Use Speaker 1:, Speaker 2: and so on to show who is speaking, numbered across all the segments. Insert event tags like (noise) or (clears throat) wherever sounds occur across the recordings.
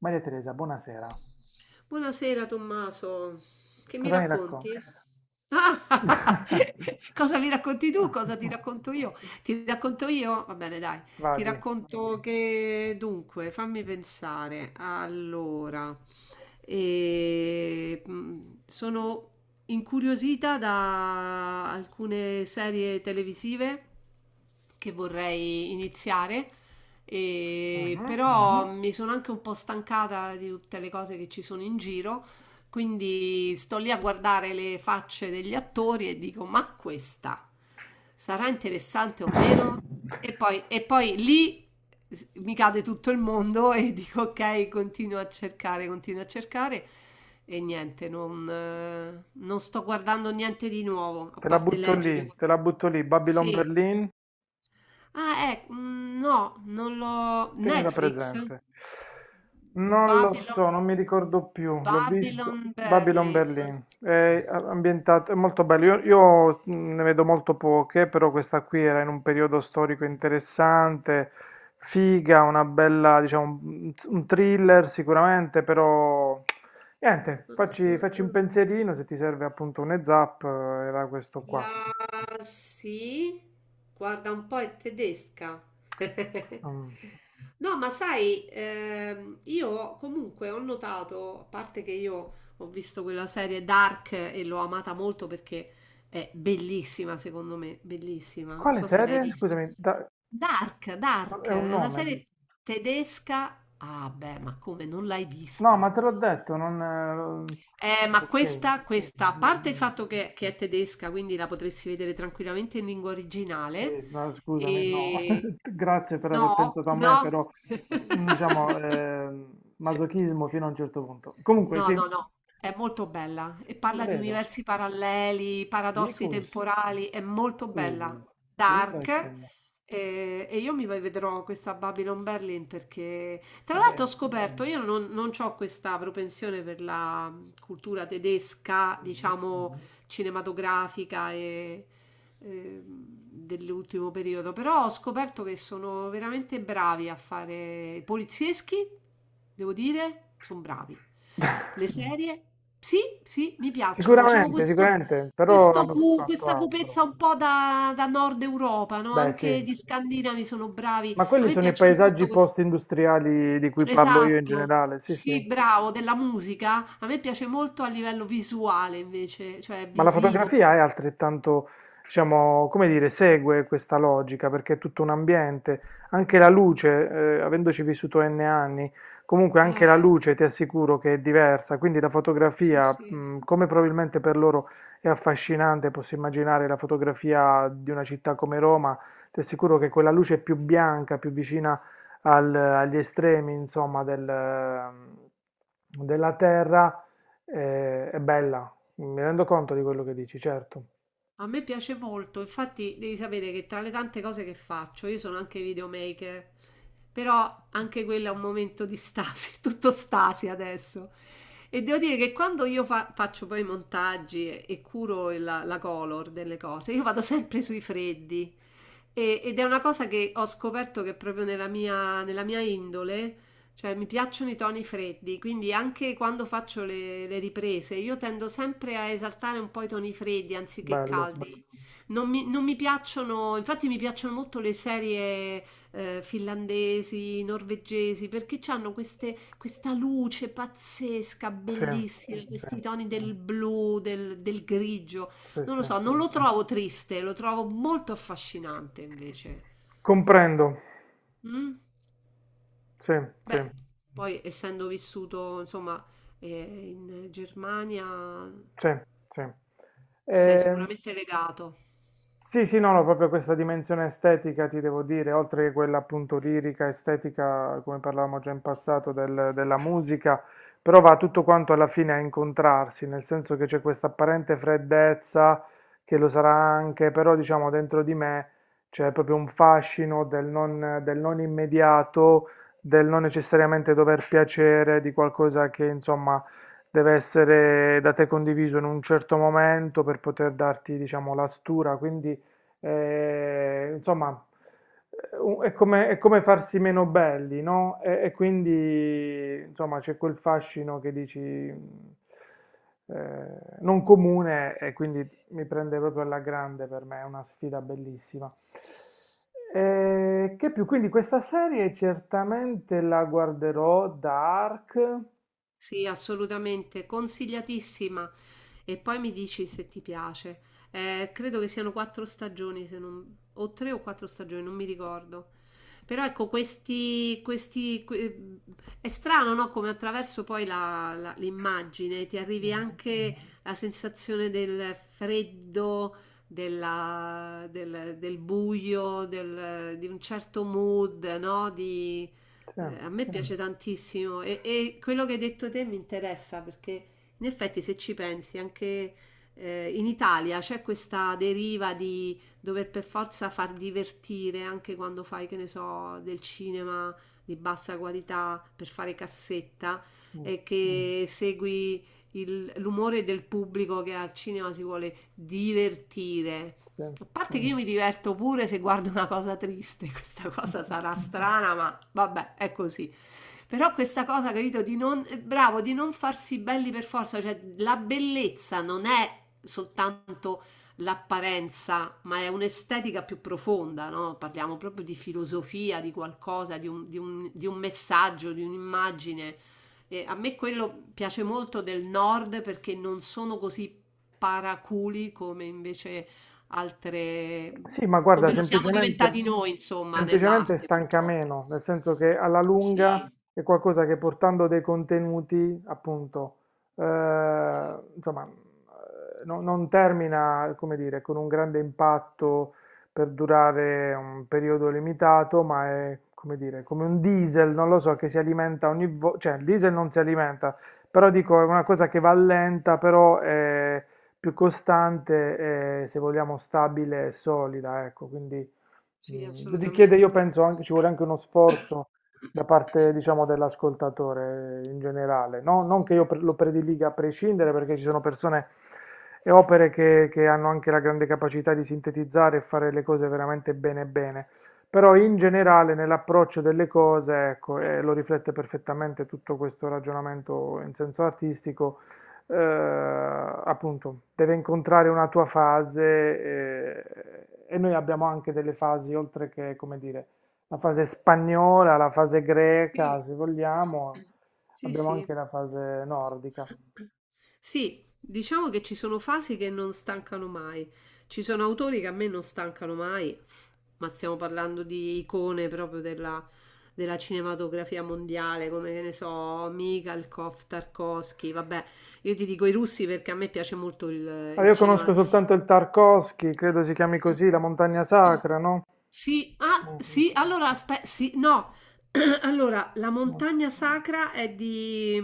Speaker 1: Maria Teresa, buonasera.
Speaker 2: Buonasera Tommaso, che mi
Speaker 1: Cosa mi
Speaker 2: racconti?
Speaker 1: racconti?
Speaker 2: Ah,
Speaker 1: (laughs)
Speaker 2: (laughs) cosa mi racconti tu? Cosa ti racconto io? Ti racconto io? Va bene, dai. Ti
Speaker 1: Vadi.
Speaker 2: racconto che dunque, fammi pensare. Allora, sono incuriosita da alcune serie televisive che vorrei iniziare e
Speaker 1: Mhm.
Speaker 2: però mi sono anche un po' stancata di tutte le cose che ci sono in giro, quindi sto lì a guardare le facce degli attori e dico: ma questa sarà interessante o meno? E poi lì mi cade tutto il mondo e (laughs) dico: ok, continuo a cercare, continuo a cercare. E niente, non sto guardando niente di nuovo, a
Speaker 1: Te la
Speaker 2: parte
Speaker 1: butto lì,
Speaker 2: leggere
Speaker 1: te la
Speaker 2: qualcosa.
Speaker 1: butto lì. Babylon
Speaker 2: Sì.
Speaker 1: Berlin.
Speaker 2: Ah, no, non l'ho.
Speaker 1: Tenila
Speaker 2: Netflix?
Speaker 1: presente. Non lo
Speaker 2: Babylon
Speaker 1: so, non mi ricordo più, l'ho visto.
Speaker 2: Babylon
Speaker 1: Babylon
Speaker 2: Berlin.
Speaker 1: Berlin, è ambientato, è molto bello. Ne vedo molto poche, però questa qui era in un periodo storico interessante, figa, una bella, diciamo, un thriller sicuramente, però niente, facci un
Speaker 2: Mh-mh-mh-mh.
Speaker 1: pensierino se ti serve appunto un heads up, era questo qua.
Speaker 2: La sì, guarda un po' è tedesca. (laughs)
Speaker 1: Mm.
Speaker 2: No, ma sai, io comunque ho notato, a parte che io ho visto quella serie Dark e l'ho amata molto perché è bellissima, secondo me, bellissima. Non
Speaker 1: Quale
Speaker 2: so se l'hai
Speaker 1: serie?
Speaker 2: vista.
Speaker 1: Scusami, da- è
Speaker 2: Dark,
Speaker 1: un
Speaker 2: è una
Speaker 1: nome. Dici?
Speaker 2: serie tedesca. Ah, beh, ma come non l'hai
Speaker 1: No, ma
Speaker 2: vista?
Speaker 1: te l'ho detto, non...
Speaker 2: Ma
Speaker 1: Ok.
Speaker 2: questa, a
Speaker 1: Mm,
Speaker 2: parte il
Speaker 1: mm.
Speaker 2: fatto che è tedesca, quindi la potresti vedere tranquillamente in lingua originale.
Speaker 1: Sì, no, scusami, no.
Speaker 2: E...
Speaker 1: (laughs) Grazie per aver
Speaker 2: No,
Speaker 1: pensato a me,
Speaker 2: no.
Speaker 1: però
Speaker 2: (laughs)
Speaker 1: diciamo, masochismo fino a un certo punto. Comunque,
Speaker 2: No,
Speaker 1: sì,
Speaker 2: no, no, è molto bella e
Speaker 1: lo
Speaker 2: parla di
Speaker 1: vedo.
Speaker 2: universi paralleli, paradossi
Speaker 1: Ficus,
Speaker 2: temporali, è molto bella,
Speaker 1: uh,
Speaker 2: dark.
Speaker 1: Wunderschön,
Speaker 2: Eh, e io mi vedrò questa Babylon Berlin perché, tra
Speaker 1: va
Speaker 2: l'altro, ho
Speaker 1: bene.
Speaker 2: scoperto, io non ho questa propensione per la cultura tedesca,
Speaker 1: Mhm.
Speaker 2: diciamo, cinematografica e dell'ultimo periodo, però ho scoperto che sono veramente bravi a fare i polizieschi, devo dire, sono bravi. Le serie, sì, sì, mi piacciono, sono
Speaker 1: Sicuramente,
Speaker 2: questo,
Speaker 1: sicuramente, però hanno fatto
Speaker 2: questa
Speaker 1: altro.
Speaker 2: cupezza un po' da, da Nord Europa, no?
Speaker 1: Beh,
Speaker 2: Anche
Speaker 1: sì,
Speaker 2: gli scandinavi sono bravi,
Speaker 1: ma
Speaker 2: a
Speaker 1: quelli
Speaker 2: me
Speaker 1: sono i
Speaker 2: piacciono molto
Speaker 1: paesaggi
Speaker 2: questo.
Speaker 1: post-industriali di cui parlo io in
Speaker 2: Esatto.
Speaker 1: generale, sì, sì.
Speaker 2: Sì, bravo, della musica. A me piace molto a livello visuale invece, cioè
Speaker 1: Ma la
Speaker 2: visivo.
Speaker 1: fotografia è altrettanto, diciamo, come dire, segue questa logica perché è tutto un ambiente, anche la luce, avendoci vissuto N anni, comunque anche la
Speaker 2: Eh,
Speaker 1: luce ti assicuro che è diversa, quindi la
Speaker 2: sì,
Speaker 1: fotografia,
Speaker 2: sì.
Speaker 1: come probabilmente per loro è affascinante, posso immaginare la fotografia di una città come Roma, ti assicuro che quella luce più bianca, più vicina al- agli estremi, insomma, della terra, è bella. Mi rendo conto di quello che dici, certo.
Speaker 2: A me piace molto, infatti devi sapere che tra le tante cose che faccio, io sono anche videomaker, però anche quello è un momento di stasi, (laughs) tutto stasi adesso. E devo dire che quando faccio poi i montaggi e curo la color delle cose, io vado sempre sui freddi. Ed è una cosa che ho scoperto che è proprio nella nella mia indole, cioè mi piacciono i toni freddi, quindi anche quando faccio le riprese io tendo sempre a esaltare un po' i toni freddi anziché
Speaker 1: Bello.
Speaker 2: caldi. Non mi piacciono, infatti mi piacciono molto le serie finlandesi, norvegesi, perché hanno queste, questa luce pazzesca,
Speaker 1: Sì,
Speaker 2: bellissima,
Speaker 1: sì,
Speaker 2: questi toni del blu, del grigio.
Speaker 1: sì,
Speaker 2: Non lo
Speaker 1: sì.
Speaker 2: so, non lo trovo triste, lo trovo molto affascinante invece.
Speaker 1: Comprendo.
Speaker 2: Mm?
Speaker 1: Sì, sì,
Speaker 2: Beh, poi essendo vissuto, insomma, in Germania,
Speaker 1: sì, sì.
Speaker 2: sei
Speaker 1: Ehm,
Speaker 2: sicuramente legato.
Speaker 1: Sì, sì, no, no, proprio questa dimensione estetica, ti devo dire, oltre che quella appunto lirica, estetica, come parlavamo già in passato, del- della musica, però va tutto quanto alla fine a incontrarsi, nel senso che c'è questa apparente freddezza, che lo sarà anche, però diciamo dentro di me c'è proprio un fascino del non immediato, del non necessariamente dover piacere, di qualcosa che insomma deve essere da te condiviso in un certo momento per poter darti, diciamo, la stura, quindi eh, insomma u- è come farsi meno belli, no? E quindi insomma c'è quel fascino che dici non comune e quindi mi prende proprio alla grande per me, è una sfida bellissima. Che più? Quindi questa serie certamente la guarderò, Dark.
Speaker 2: Sì, assolutamente, consigliatissima. E poi mi dici se ti piace. Credo che siano quattro stagioni, se non- o tre o quattro stagioni, non mi ricordo. Però ecco, è strano, no? Come attraverso poi l'immagine ti arrivi
Speaker 1: Mhm.
Speaker 2: anche la sensazione del freddo, del, del buio, di un certo mood, no?
Speaker 1: Sì.
Speaker 2: A me piace tantissimo e quello che hai detto te mi interessa perché in effetti se ci pensi anche in Italia c'è questa deriva di dover per forza far divertire anche quando fai, che ne so, del cinema di bassa qualità per fare cassetta
Speaker 1: Mm.
Speaker 2: e che segui l'umore del pubblico che al cinema si vuole divertire.
Speaker 1: Sì.
Speaker 2: A parte che io mi diverto pure se guardo una cosa triste, (laughs) questa cosa sarà strana, ma vabbè, è così. Però questa cosa, capito, di non, bravo, di non farsi belli per forza, cioè la bellezza non è soltanto l'apparenza, ma è un'estetica più profonda, no? Parliamo proprio di filosofia, di qualcosa, di di di un messaggio, di un'immagine. E a me quello piace molto del nord perché non sono così paraculi come invece altre
Speaker 1: Sì, ma guarda,
Speaker 2: come lo siamo (laughs)
Speaker 1: semplicemente,
Speaker 2: diventati noi, insomma,
Speaker 1: semplicemente
Speaker 2: nell'arte,
Speaker 1: stanca
Speaker 2: purtroppo.
Speaker 1: meno, nel senso che alla lunga
Speaker 2: Sì,
Speaker 1: è qualcosa che portando dei contenuti, appunto, eh, no- non termina, come dire, con un grande impatto per durare un periodo limitato, ma è, come dire, come un diesel, non lo so, che si alimenta ogni volta, cioè il diesel non si alimenta, però dico, è una cosa che va lenta, più costante e se vogliamo stabile e solida, ecco, quindi
Speaker 2: sì,
Speaker 1: richiede, io
Speaker 2: assolutamente.
Speaker 1: penso, anche, ci vuole anche uno sforzo da parte, diciamo, dell'ascoltatore in generale, no? Non che io pre- lo prediliga a prescindere, perché ci sono persone e opere che hanno anche la grande capacità di sintetizzare e fare le cose veramente bene bene. Però in generale nell'approccio delle cose, ecco, e lo riflette perfettamente tutto questo ragionamento in senso artistico, appunto, deve incontrare una tua fase e noi abbiamo anche delle fasi, oltre che, come dire, la fase spagnola, la fase greca,
Speaker 2: Sì.
Speaker 1: se vogliamo,
Speaker 2: Sì,
Speaker 1: abbiamo
Speaker 2: sì.
Speaker 1: anche la fase nordica.
Speaker 2: Sì, diciamo che ci sono fasi che non stancano mai. Ci sono autori che a me non stancano mai, ma stiamo parlando di icone proprio della cinematografia mondiale, come che ne so, Mikhalkov, Tarkovsky, vabbè, io ti dico i russi perché a me piace molto il
Speaker 1: Allora, io
Speaker 2: cinema
Speaker 1: conosco soltanto il Tarkovsky, credo si chiami così, la montagna sacra, no?
Speaker 2: sì, ah,
Speaker 1: Mhm,
Speaker 2: sì, allora aspe sì, no. (clears throat) Allora, la
Speaker 1: no,
Speaker 2: montagna sacra è di...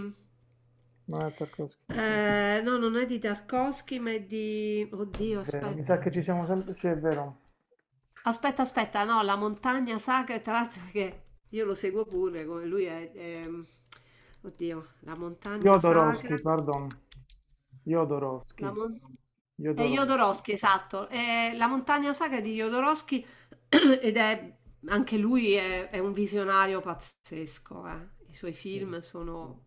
Speaker 1: non è Tarkovsky.
Speaker 2: no, non è di Tarkovsky, ma è di...
Speaker 1: È
Speaker 2: Oddio,
Speaker 1: vero, mi sa
Speaker 2: aspetta.
Speaker 1: che ci siamo sempre... Sì, è vero.
Speaker 2: Aspetta, no, la montagna sacra, tra l'altro che io lo seguo pure, come oddio, la montagna sacra.
Speaker 1: Jodorowsky, pardon.
Speaker 2: La
Speaker 1: Jodorowsky.
Speaker 2: mon- è
Speaker 1: Jodorowsky.
Speaker 2: Jodorowsky, esatto. È la montagna saga di Jodorowsky (clears throat) ed è anche è un visionario pazzesco. Eh. I suoi
Speaker 1: Sì.
Speaker 2: film sono.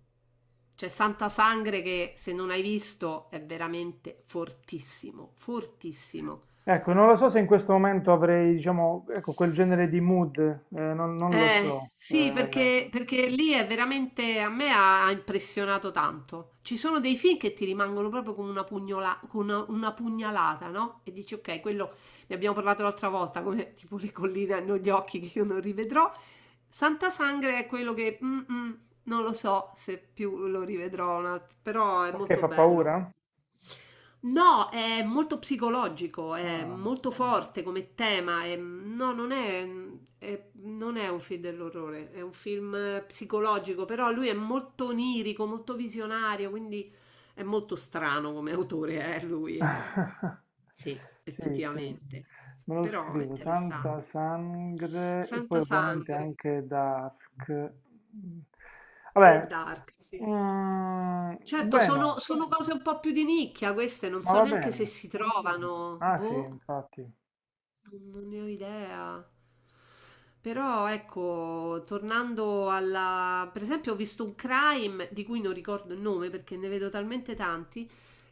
Speaker 2: C'è Santa Sangre che se non hai visto è veramente fortissimo, fortissimo.
Speaker 1: Ecco, non lo so se in questo momento avrei, diciamo, ecco, quel genere di mood, non lo so,
Speaker 2: Sì, perché lì è veramente, a me ha impressionato tanto. Ci sono dei film che ti rimangono proprio come con una pugnalata, no? E dici, ok, quello ne abbiamo parlato l'altra volta, come tipo le colline hanno gli occhi che io non rivedrò. Santa Sangre è quello che, non lo so se più lo rivedrò, però è
Speaker 1: perché
Speaker 2: molto
Speaker 1: fa
Speaker 2: bello.
Speaker 1: paura?
Speaker 2: No, è molto psicologico, è
Speaker 1: Ah.
Speaker 2: molto forte come tema. No, non è un film dell'orrore, è un film psicologico, però lui è molto onirico, molto visionario, quindi è molto strano come autore,
Speaker 1: (laughs)
Speaker 2: sì,
Speaker 1: Sì, sì,
Speaker 2: effettivamente.
Speaker 1: me lo
Speaker 2: Però è
Speaker 1: scrivo, Santa
Speaker 2: interessante.
Speaker 1: Sangre e poi
Speaker 2: Santa
Speaker 1: ovviamente
Speaker 2: Sangre
Speaker 1: anche Dark. Mm.
Speaker 2: e
Speaker 1: Vabbè,
Speaker 2: Dark, sì.
Speaker 1: mm,
Speaker 2: Certo, sono,
Speaker 1: bueno,
Speaker 2: sono cose un po' più di nicchia queste, non
Speaker 1: ma
Speaker 2: so
Speaker 1: va
Speaker 2: neanche se
Speaker 1: bene.
Speaker 2: si trovano.
Speaker 1: Ah sì,
Speaker 2: Boh.
Speaker 1: infatti.
Speaker 2: Non ne ho idea. Però ecco, tornando alla... per esempio ho visto un crime di cui non ricordo il nome perché ne vedo talmente tanti,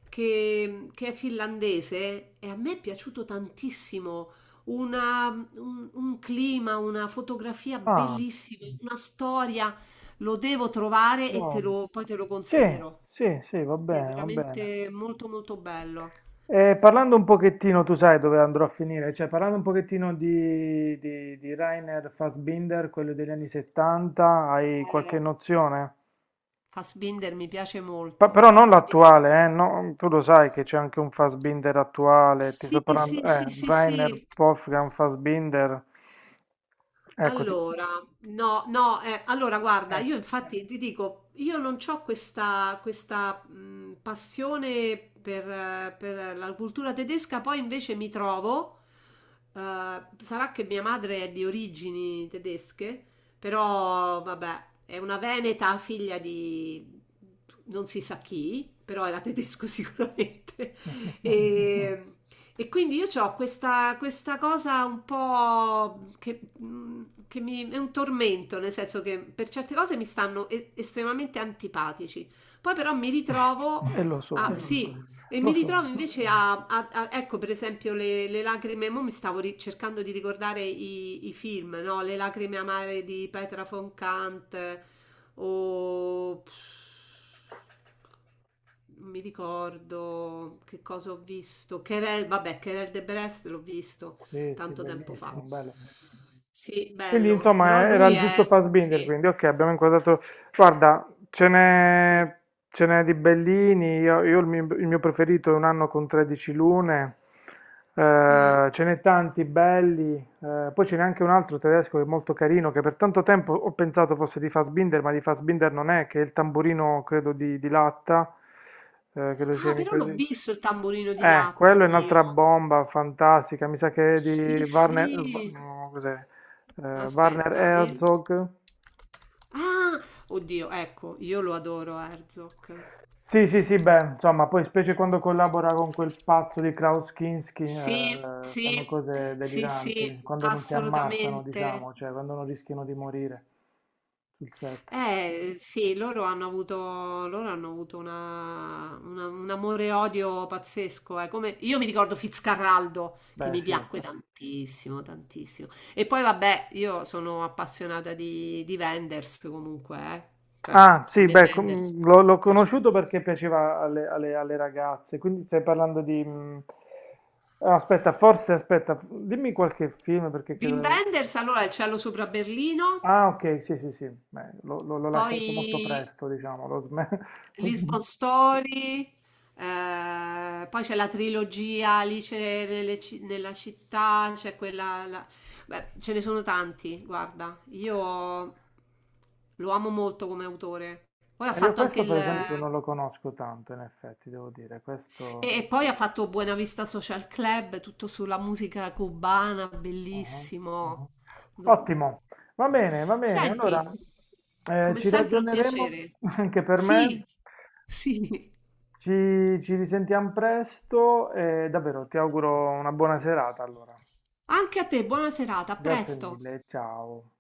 Speaker 2: che è finlandese e a me è piaciuto tantissimo. Una- un clima, una fotografia
Speaker 1: Ah,
Speaker 2: bellissima, una storia. Lo devo trovare e
Speaker 1: wow.
Speaker 2: poi te lo
Speaker 1: Sì,
Speaker 2: consiglierò.
Speaker 1: sì, sì, va
Speaker 2: Perché è
Speaker 1: bene, va bene.
Speaker 2: veramente molto molto bello.
Speaker 1: Parlando un pochettino, tu sai dove andrò a finire, cioè parlando un pochettino di Rainer Fassbinder, quello degli anni 70, hai qualche nozione?
Speaker 2: Fassbinder mi piace
Speaker 1: Pa- però
Speaker 2: molto.
Speaker 1: non l'attuale, no, tu lo sai che c'è anche un Fassbinder attuale, ti sto
Speaker 2: Sì, sì,
Speaker 1: parlando,
Speaker 2: sì, sì,
Speaker 1: Rainer
Speaker 2: sì.
Speaker 1: Wolfgang Fassbinder, ecco, ti-
Speaker 2: Allora, no, no, allora guarda, io
Speaker 1: ecco.
Speaker 2: infatti ti dico, io non ho passione per la cultura tedesca, poi invece mi trovo, eh, sarà che mia madre è di origini tedesche, però vabbè, è una veneta figlia di non si sa chi, però era tedesco (laughs) sicuramente.
Speaker 1: (laughs)
Speaker 2: E, e quindi io ho questa, questa cosa un po' che, mm, che mi, è un tormento, nel senso che per certe cose mi stanno estremamente antipatici. Poi però mi ritrovo
Speaker 1: E lo
Speaker 2: (laughs) a,
Speaker 1: sono,
Speaker 2: sì, e
Speaker 1: lo
Speaker 2: mi ritrovo
Speaker 1: sono.
Speaker 2: invece ecco per esempio le lacrime, mo mi stavo cercando di ricordare i film, no? Le lacrime amare di Petra von Kant, o pff, non mi ricordo che cosa ho visto. Querelle, vabbè, Querelle de Brest l'ho visto
Speaker 1: Sì, sì,
Speaker 2: tanto tempo fa.
Speaker 1: bellissimo, bello.
Speaker 2: Sì,
Speaker 1: Quindi
Speaker 2: bello, però
Speaker 1: insomma era
Speaker 2: lui
Speaker 1: il giusto
Speaker 2: è...
Speaker 1: Fassbinder,
Speaker 2: sì,
Speaker 1: quindi ok, abbiamo inquadrato. Guarda, ce
Speaker 2: sì.
Speaker 1: n'è ce n'è di bellini, io il mio preferito è Un anno con 13 lune,
Speaker 2: Mm.
Speaker 1: ce n'è tanti belli, poi ce n'è anche un altro tedesco che è molto carino, che per tanto tempo ho pensato fosse di Fassbinder, ma di Fassbinder non è, che è il tamburino credo di latta, credo si
Speaker 2: Ah,
Speaker 1: chiami
Speaker 2: però l'ho
Speaker 1: così.
Speaker 2: visto il tamburino di latta
Speaker 1: Quello è un'altra
Speaker 2: io.
Speaker 1: bomba fantastica, mi sa che è di
Speaker 2: Sì,
Speaker 1: Warner,
Speaker 2: sì.
Speaker 1: no, cos'è? Warner
Speaker 2: Aspetta, il...
Speaker 1: Herzog.
Speaker 2: ah, oddio, ecco, io lo adoro Herzog.
Speaker 1: Sì, sì, sì, beh, insomma, poi specie quando collabora con quel pazzo di Klaus Kinski,
Speaker 2: Sì,
Speaker 1: fanno
Speaker 2: sì,
Speaker 1: cose
Speaker 2: sì, sì,
Speaker 1: deliranti, quando non si ammazzano,
Speaker 2: assolutamente.
Speaker 1: diciamo, cioè quando non rischiano di morire sul set.
Speaker 2: Eh sì, loro hanno avuto un amore e odio pazzesco. Eh. Come- io mi ricordo Fitzcarraldo che
Speaker 1: Beh,
Speaker 2: mi
Speaker 1: sì.
Speaker 2: piacque tantissimo, tantissimo. E poi vabbè, io sono appassionata di Wenders comunque, eh. Cioè,
Speaker 1: Ah,
Speaker 2: a
Speaker 1: sì,
Speaker 2: me
Speaker 1: beh,
Speaker 2: Wenders
Speaker 1: com- l'ho
Speaker 2: piace
Speaker 1: conosciuto perché
Speaker 2: tantissimo.
Speaker 1: piaceva alle, alle- alle ragazze, quindi stai parlando di... mm, Aspetta, forse, aspetta, dimmi qualche film perché
Speaker 2: Wim
Speaker 1: credo...
Speaker 2: Wenders, allora Il cielo sopra Berlino,
Speaker 1: Ah, ok, sì, sì, sì, beh, l'ho lasciato molto
Speaker 2: poi
Speaker 1: presto, diciamo, l'ho sme- (laughs) l'ho sm-
Speaker 2: Lisbon Story, poi c'è la trilogia Alice nelle nella città, c'è quella... la- beh, ce ne sono tanti, guarda. Io lo amo molto come autore. Poi ha
Speaker 1: Io
Speaker 2: fatto anche
Speaker 1: questo,
Speaker 2: il...
Speaker 1: per esempio,
Speaker 2: E,
Speaker 1: non lo conosco tanto, in effetti, devo dire, questo...
Speaker 2: e poi ha fatto Buena Vista Social Club, tutto sulla musica cubana,
Speaker 1: ah.
Speaker 2: bellissimo. Do-
Speaker 1: Ottimo, va bene, allora
Speaker 2: senti, come
Speaker 1: ci
Speaker 2: sempre un
Speaker 1: ragioneremo
Speaker 2: piacere.
Speaker 1: (laughs) anche per
Speaker 2: Sì,
Speaker 1: me.
Speaker 2: sì.
Speaker 1: Ci risentiamo presto e davvero ti auguro una buona serata allora.
Speaker 2: Anche a te buona serata, a
Speaker 1: Grazie
Speaker 2: presto!
Speaker 1: mille, ciao.